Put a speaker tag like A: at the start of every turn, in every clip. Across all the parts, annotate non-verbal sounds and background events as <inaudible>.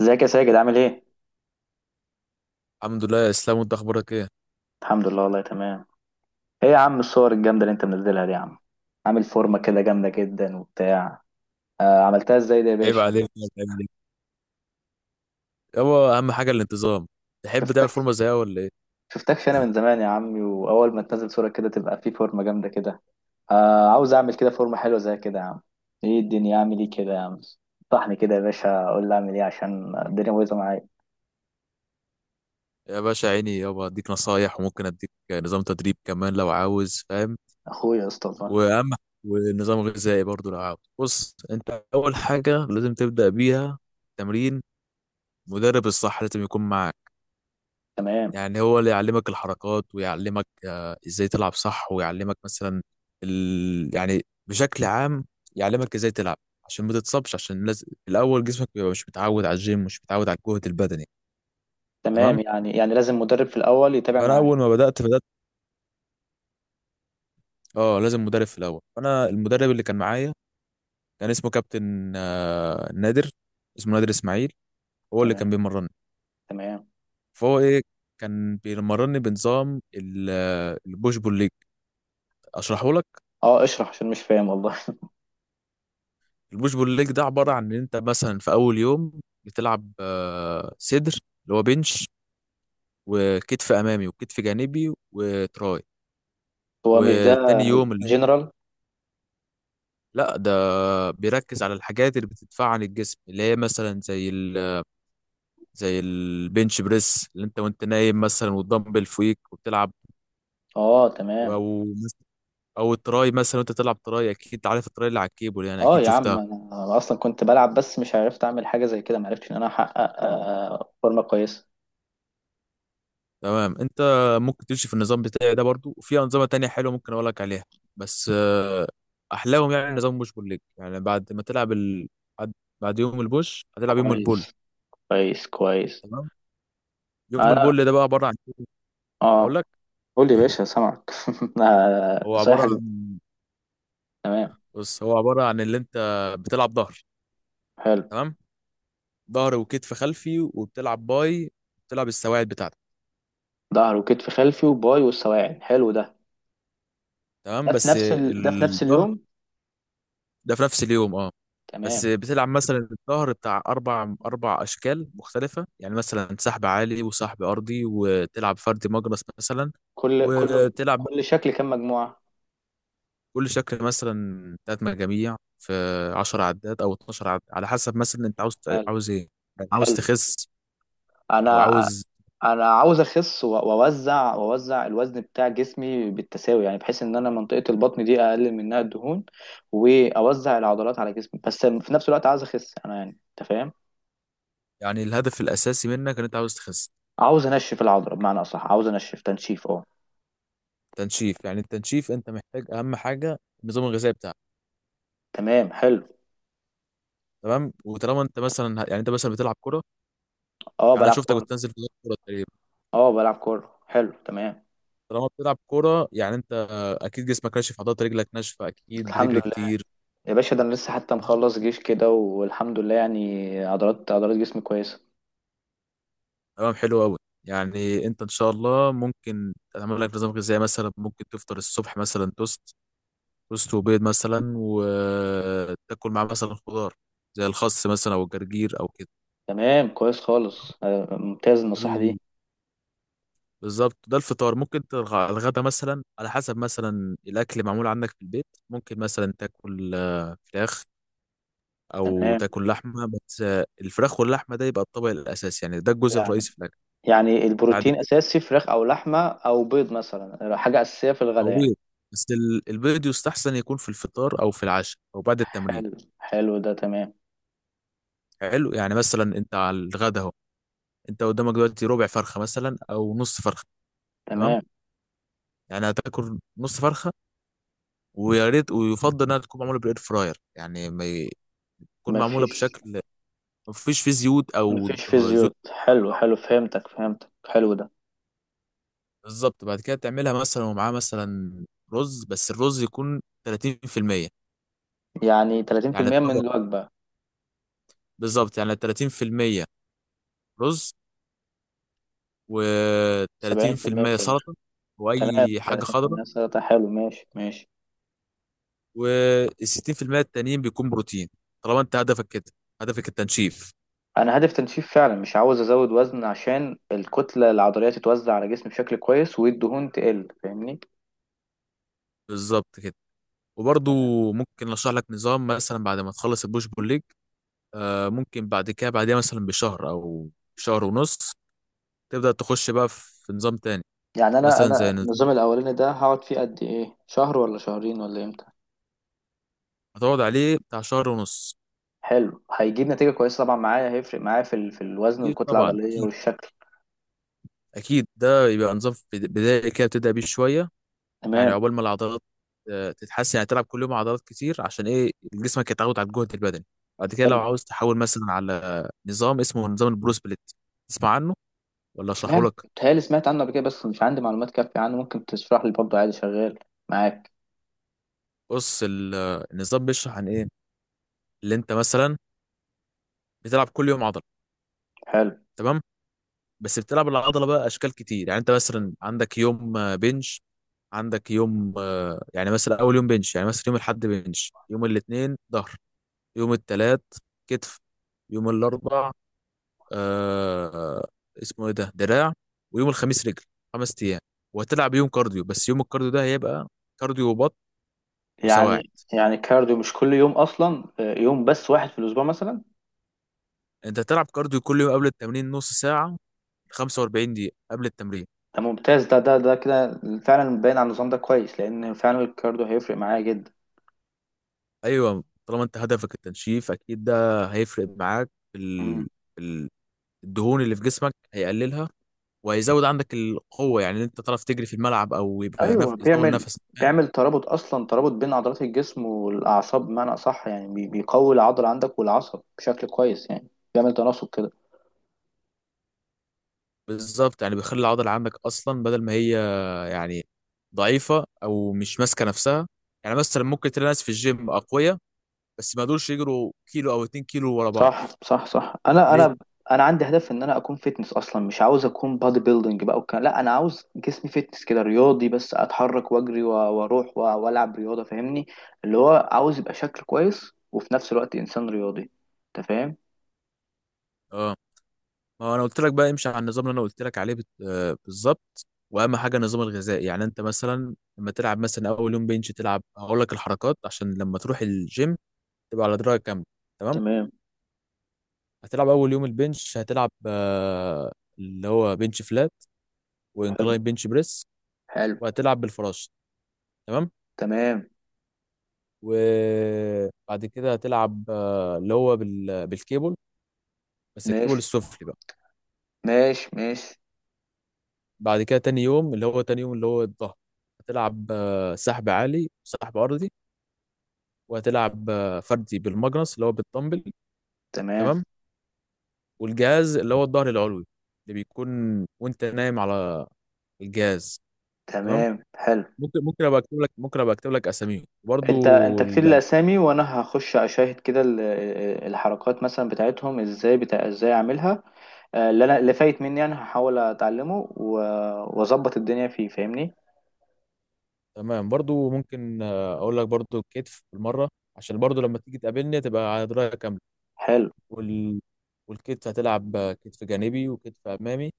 A: ازيك يا ساجد، عامل ايه؟
B: الحمد لله يا اسلام، وانت اخبارك ايه؟
A: الحمد لله والله تمام. ايه يا عم الصور الجامدة اللي انت منزلها دي يا عم، عامل فورمة كده جامدة جدا وبتاع. آه، عملتها ازاي ده يا
B: عيب
A: باشا؟
B: عليك يا زميلي. يابا اهم حاجه الانتظام. تحب تعمل
A: شفتك
B: فورمه زيها ولا ايه؟
A: شفتكش انا من زمان يا عمي، واول ما تنزل صورة كده تبقى في فورمة جامدة كده. آه عاوز اعمل كده فورمة حلوة زي كده يا عم. ايه الدنيا، اعمل ايه كده يا عم؟ صحني كده يا باشا، قول لي اعمل ايه عشان الدنيا بايظة معايا.
B: يا باشا عيني، يابا اديك نصايح وممكن اديك نظام تدريب كمان لو عاوز، فاهم.
A: اخويا يا اسطى والله.
B: واهم ونظام غذائي برضو لو عاوز. بص انت اول حاجه لازم تبدا بيها تمرين. مدرب الصح لازم يكون معاك،
A: تمام
B: يعني هو اللي يعلمك الحركات ويعلمك ازاي تلعب صح، ويعلمك مثلا يعني بشكل عام، يعلمك ازاي تلعب عشان ما تتصابش، عشان لازم الاول جسمك بيبقى مش متعود على الجيم، مش متعود على الجهد البدني. تمام.
A: تمام، يعني لازم مدرب في الاول يتابع
B: فانا
A: معايا.
B: اول ما بدات، اه لازم مدرب في الاول. فانا المدرب اللي كان معايا كان اسمه كابتن نادر. اسمه نادر اسماعيل. هو اللي كان
A: تمام
B: بيمرني.
A: تمام.
B: فهو ايه، كان بيمرني بنظام البوش بول ليج. اشرحه لك.
A: اه، اشرح عشان مش فاهم والله <laughs>
B: البوش بول ليج ده عبارة عن إن أنت مثلا في أول يوم بتلعب صدر، اللي هو بنش، وكتف أمامي وكتف جانبي وتراي.
A: هو مش ده،
B: وتاني يوم اللي هو،
A: جنرال؟
B: لا ده بيركز على الحاجات اللي بتدفع عن الجسم، اللي هي مثلا زي البنش بريس، اللي أنت وأنت نايم مثلا والدمبل فوقيك وبتلعب،
A: اه تمام.
B: أو أو التراي مثلا، وأنت تلعب تراي أكيد عارف التراي اللي على الكيبل، يعني
A: اه
B: أكيد
A: يا عم،
B: شفتها.
A: أنا اصلا كنت بلعب بس مش عرفت اعمل حاجه زي كده، ما عرفتش ان انا احقق فورمه كويسه.
B: تمام انت ممكن تمشي في النظام بتاعي ده برضو، وفي انظمه تانية حلوه ممكن اقول لك عليها. بس احلاهم يعني نظام بوش بول ليج، يعني بعد ما تلعب بعد بعد يوم البوش هتلعب يوم البول.
A: كويس. كويس كويس.
B: تمام. يوم
A: انا
B: البول ده بقى عباره عن إيه؟ اقول
A: اه،
B: لك.
A: قول لي يا باشا سامعك <laughs> أنا
B: هو عباره
A: نصايحك دي.
B: عن
A: تمام
B: بص، هو عباره عن اللي انت بتلعب ظهر.
A: حلو.
B: تمام. ظهر وكتف خلفي، وبتلعب باي، بتلعب السواعد بتاعتك.
A: ظهر وكتف خلفي وباي والسواعد، حلو ده.
B: تمام
A: ده في
B: بس
A: نفس ال... ده في نفس
B: الظهر
A: اليوم.
B: ده في نفس اليوم اه. بس
A: تمام.
B: بتلعب مثلا الظهر بتاع أربع أشكال مختلفة، يعني مثلا سحب عالي وسحب أرضي وتلعب فردي مجرس مثلا،
A: كل كل
B: وتلعب
A: كل شكل كام مجموعه؟
B: كل شكل مثلا تلات مجاميع في 10 عدات أو 12 عدات، على حسب مثلا أنت عاوز.
A: حلو
B: عاوز إيه، يعني عاوز
A: حلو.
B: تخس أو
A: انا
B: عاوز.
A: انا عاوز اخس واوزع الوزن بتاع جسمي بالتساوي، يعني بحيث ان انا منطقة البطن دي اقلل منها الدهون، واوزع العضلات على جسمي، بس في نفس الوقت عاوز اخس انا، يعني انت فاهم.
B: يعني الهدف الأساسي منك إن أنت عاوز تخس.
A: عاوز انشف العضلة، بمعنى اصح عاوز انشف، تنشيف اه.
B: تنشيف. يعني التنشيف أنت محتاج أهم حاجة النظام الغذائي بتاعك.
A: تمام حلو.
B: تمام. وطالما أنت مثلا بتلعب كرة،
A: اه،
B: يعني أنا
A: بلعب
B: شفتك
A: كورة.
B: بتنزل في كرة،
A: اه، بلعب كورة، حلو تمام.
B: طالما بتلعب كوره يعني انت اكيد جسمك ناشف، عضلات رجلك ناشفه، اكيد
A: الحمد
B: بتجري
A: لله.
B: كتير.
A: يا باشا ده انا لسه حتى
B: تمام،
A: مخلص جيش كده والحمد لله، يعني عضلات جسمي كويسة.
B: تمام، حلو قوي. يعني انت ان شاء الله ممكن تعمل لك نظام غذائي، مثلا ممكن تفطر الصبح مثلا توست وبيض مثلا، وتاكل معاه مثلا خضار زي الخس مثلا او الجرجير او كده.
A: تمام كويس خالص، ممتاز النصيحة دي.
B: ال- بالظبط ده الفطار. ممكن الغدا مثلا على حسب مثلا الاكل معمول عندك في البيت، ممكن مثلا تاكل فراخ او
A: تمام.
B: تاكل لحمه، بس الفراخ واللحمه ده يبقى الطبق الاساسي، يعني ده الجزء
A: يعني
B: الرئيسي في الاكل.
A: يعني
B: بعد
A: البروتين
B: كده
A: اساسي، فراخ او لحمه او بيض مثلا، حاجه اساسيه في
B: او
A: الغداء يعني.
B: بيض، بس البيض يستحسن يكون في الفطار او في العشاء او بعد التمرين.
A: حلو حلو ده تمام.
B: حلو، يعني مثلا انت على الغدا اهو، انت قدامك دلوقتي ربع فرخه مثلا او نص فرخه. تمام.
A: تمام
B: يعني هتاكل نص فرخه، ويا ريت ويفضل انها تكون معموله بالاير فراير، يعني ما ي- تكون معموله
A: مفيش.
B: بشكل ما فيش فيه زيوت او
A: مفيش في
B: هو زيوت.
A: زيوت، حلو حلو، فهمتك فهمتك، حلو ده.
B: بالظبط. بعد كده تعملها مثلا، ومعاه مثلا رز، بس الرز يكون 30%.
A: يعني
B: يعني
A: 30% من
B: الطبق
A: الوجبة.
B: بالظبط، يعني 30% رز
A: 70%
B: و30%
A: فراخ.
B: سلطة،
A: تمام،
B: وأي حاجة خضراء،
A: 30% سلطة، حلو، ماشي ماشي.
B: وال60% التانيين بيكون بروتين. طالما أنت هدفك كده، هدفك التنشيف.
A: أنا هدف تنشيف فعلا، مش عاوز أزود وزن عشان الكتلة العضلية تتوزع على جسمي بشكل كويس والدهون تقل، فاهمني.
B: بالظبط كده. وبرضو ممكن أشرح لك نظام مثلا بعد ما تخلص البوش بول ليج. ممكن بعد كده، بعدها مثلا بشهر أو شهر ونص تبدأ تخش بقى في نظام تاني،
A: يعني أنا
B: مثلا
A: أنا
B: زي نظام
A: النظام الأولاني ده هقعد فيه قد إيه، شهر ولا شهرين ولا إمتى؟
B: هتقعد عليه بتاع شهر ونص.
A: حلو، هيجيب نتيجة كويسة طبعا معايا، هيفرق معايا في الوزن
B: أكيد
A: والكتلة
B: طبعا
A: العضلية
B: أكيد.
A: والشكل.
B: أكيد ده يبقى نظام بدائي كده بتبدأ بيه شوية، يعني
A: تمام
B: عقبال ما العضلات تتحسن، يعني تلعب كل يوم عضلات كتير عشان ايه جسمك يتعود على الجهد البدني. بعد كده لو
A: حلو.
B: عاوز تحول مثلا على نظام اسمه نظام البرو سبليت. تسمع عنه ولا اشرحه
A: سمعت
B: لك؟
A: بتهيألي، سمعت عنه قبل كده بس مش عندي معلومات كافية عنه، ممكن تشرح لي برضه عادي شغال معاك.
B: بص النظام بيشرح عن ايه، اللي انت مثلا بتلعب كل يوم عضله.
A: حلو.
B: تمام بس بتلعب العضله بقى اشكال كتير، يعني انت مثلا عندك يوم بنش، عندك يوم يعني مثلا اول يوم بنش، يعني مثلا يوم الاحد بنش، يوم الاثنين ظهر، يوم الثلاث كتف، يوم الاربع آه اسمه ايه ده، دراع، ويوم الخميس رجل، 5 ايام. وهتلعب يوم كارديو، بس يوم الكارديو ده هيبقى كارديو وبط وسواعد.
A: يعني كارديو مش كل يوم أصلا، يوم بس واحد في الأسبوع مثلا.
B: انت هتلعب كارديو كل يوم قبل التمرين نص ساعة، 45 دقيقة قبل التمرين.
A: ده ممتاز، ده كده فعلا باين على النظام ده كويس، لأن فعلا الكارديو هيفرق معايا جدا.
B: ايوه، طالما انت هدفك التنشيف اكيد ده هيفرق معاك في ال- الدهون اللي في جسمك هيقللها، وهيزود عندك القوة، يعني ان انت تعرف تجري في الملعب، او يبقى
A: ايوه،
B: يطول
A: بيعمل
B: نفسك.
A: بيعمل ترابط اصلا، ترابط بين عضلات الجسم والاعصاب، بمعنى اصح يعني بيقوي العضله عندك والعصب بشكل كويس يعني، بيعمل تناسق كده.
B: بالظبط، يعني بيخلي العضله عندك اصلا بدل ما هي، يعني ضعيفه او مش ماسكه نفسها. يعني مثلا ممكن تلاقي ناس في الجيم اقوياء، بس ما يقدروش يجروا كيلو او 2 كيلو ورا بعض،
A: صح صح صح. انا
B: ليه؟
A: انا انا عندي هدف ان انا اكون فيتنس اصلا، مش عاوز اكون بادي بيلدينج بقى، وكان لا انا عاوز جسمي فيتنس كده رياضي بس، اتحرك واجري واروح والعب رياضه، فاهمني. اللي هو عاوز يبقى شكل كويس وفي نفس الوقت انسان رياضي، انت فاهم.
B: اه، ما هو انا قلت لك بقى امشي على النظام اللي انا قلت لك عليه بالظبط. واهم حاجه النظام الغذائي، يعني انت مثلا لما تلعب مثلا اول يوم بنش تلعب هقول لك الحركات عشان لما تروح الجيم تبقى على درايه كامله. تمام.
A: تمام.
B: هتلعب اول يوم البنش هتلعب اللي هو بنش فلات
A: حلو
B: وانكلاين بنش بريس،
A: حلو.
B: وهتلعب بالفراشه. تمام.
A: تمام،
B: وبعد كده هتلعب اللي هو بالكيبل، بس الكيبل
A: ماشي
B: السفلي بقى.
A: ماشي. ماشي.
B: بعد كده تاني يوم اللي هو الظهر. هتلعب سحب عالي وسحب ارضي، وهتلعب فردي بالماجنس اللي هو بالدمبل.
A: تمام
B: تمام. والجهاز اللي هو الظهر العلوي اللي بيكون وانت نايم على الجهاز. تمام.
A: تمام حلو.
B: ممكن ابقى اكتب لك اساميهم برضو.
A: انت كتير
B: ال...
A: الاسامي، وانا هخش اشاهد كده الحركات مثلا بتاعتهم ازاي، بتاع ازاي اعملها. اللي انا اللي فايت مني انا هحاول اتعلمه واظبط الدنيا فيه، فاهمني.
B: تمام برضو ممكن اقول لك برضو الكتف بالمره عشان برضو لما تيجي تقابلني تبقى على درايه كامله.
A: حلو
B: وال... والكتف هتلعب كتف جانبي وكتف امامي.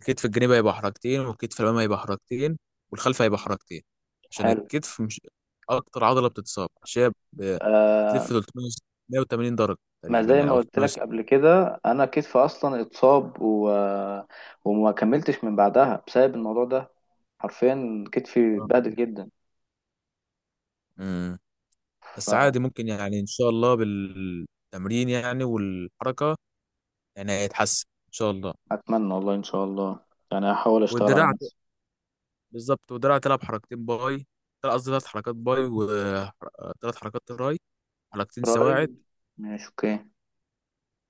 B: الكتف الجانبي هيبقى حركتين، والكتف الامامي هيبقى حركتين، والخلف هيبقى حركتين. عشان
A: حلو.
B: الكتف مش اكتر عضله بتتصاب، عشان هي ب-
A: آه،
B: بتلف 380 درجه
A: ما
B: تقريبا،
A: زي
B: يعني
A: ما
B: او
A: قلت لك
B: 360
A: قبل كده، انا كتفي اصلا اتصاب وما كملتش من بعدها بسبب الموضوع ده، حرفيا كتفي
B: درجة.
A: اتبهدل جدا.
B: امم بس عادي، ممكن يعني ان شاء الله بالتمرين يعني والحركه يعني هيتحسن ان شاء الله.
A: فاتمنى والله ان شاء الله، يعني هحاول اشتغل على
B: والدراع ت-
A: نفسي.
B: بالظبط. والدراع تلعب حركتين باي، قصدي ثلاث حركات باي وثلاث حركات تراي، حركتين
A: قريب.
B: سواعد.
A: ماشي اوكي.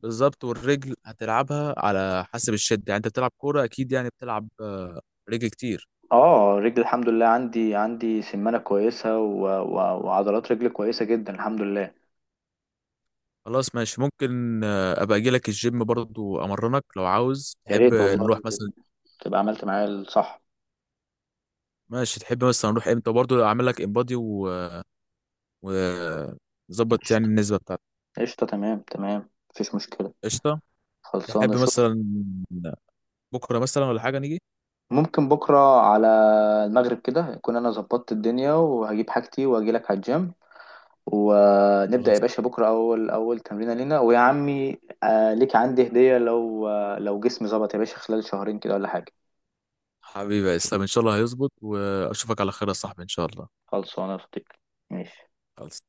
B: بالظبط. والرجل هتلعبها على حسب الشد، يعني انت بتلعب كوره اكيد يعني بتلعب رجل كتير.
A: اه، رجلي الحمد لله، عندي سمانة كويسة وعضلات رجلي كويسة جدا الحمد لله.
B: خلاص ماشي. ممكن ابقى اجي لك الجيم برضو امرنك لو عاوز،
A: يا
B: تحب
A: ريت والله،
B: نروح مثلا؟
A: تبقى عملت معايا الصح.
B: ماشي تحب مثلا نروح امتى، برضو اعمل لك انبادي و- نظبط يعني
A: قشطة
B: النسبه بتاعتك.
A: قشطة، تمام تمام مفيش مشكلة.
B: قشطه.
A: خلصانة،
B: تحب
A: شوف.
B: مثلا بكره مثلا ولا حاجه نيجي؟
A: ممكن بكرة على المغرب كده، يكون أنا ظبطت الدنيا وهجيب حاجتي وأجيلك على الجيم ونبدأ يا
B: خلاص
A: باشا بكرة، أول أول تمرينة لينا. ويا عمي، آه ليك عندي هدية لو، آه لو جسمي ظبط يا باشا خلال شهرين كده ولا حاجة.
B: حبيبي يا اسلام، ان شاء الله هيظبط واشوفك على خير يا صاحبي ان شاء الله.
A: خلصانة يا صديقي. ماشي.
B: خلاص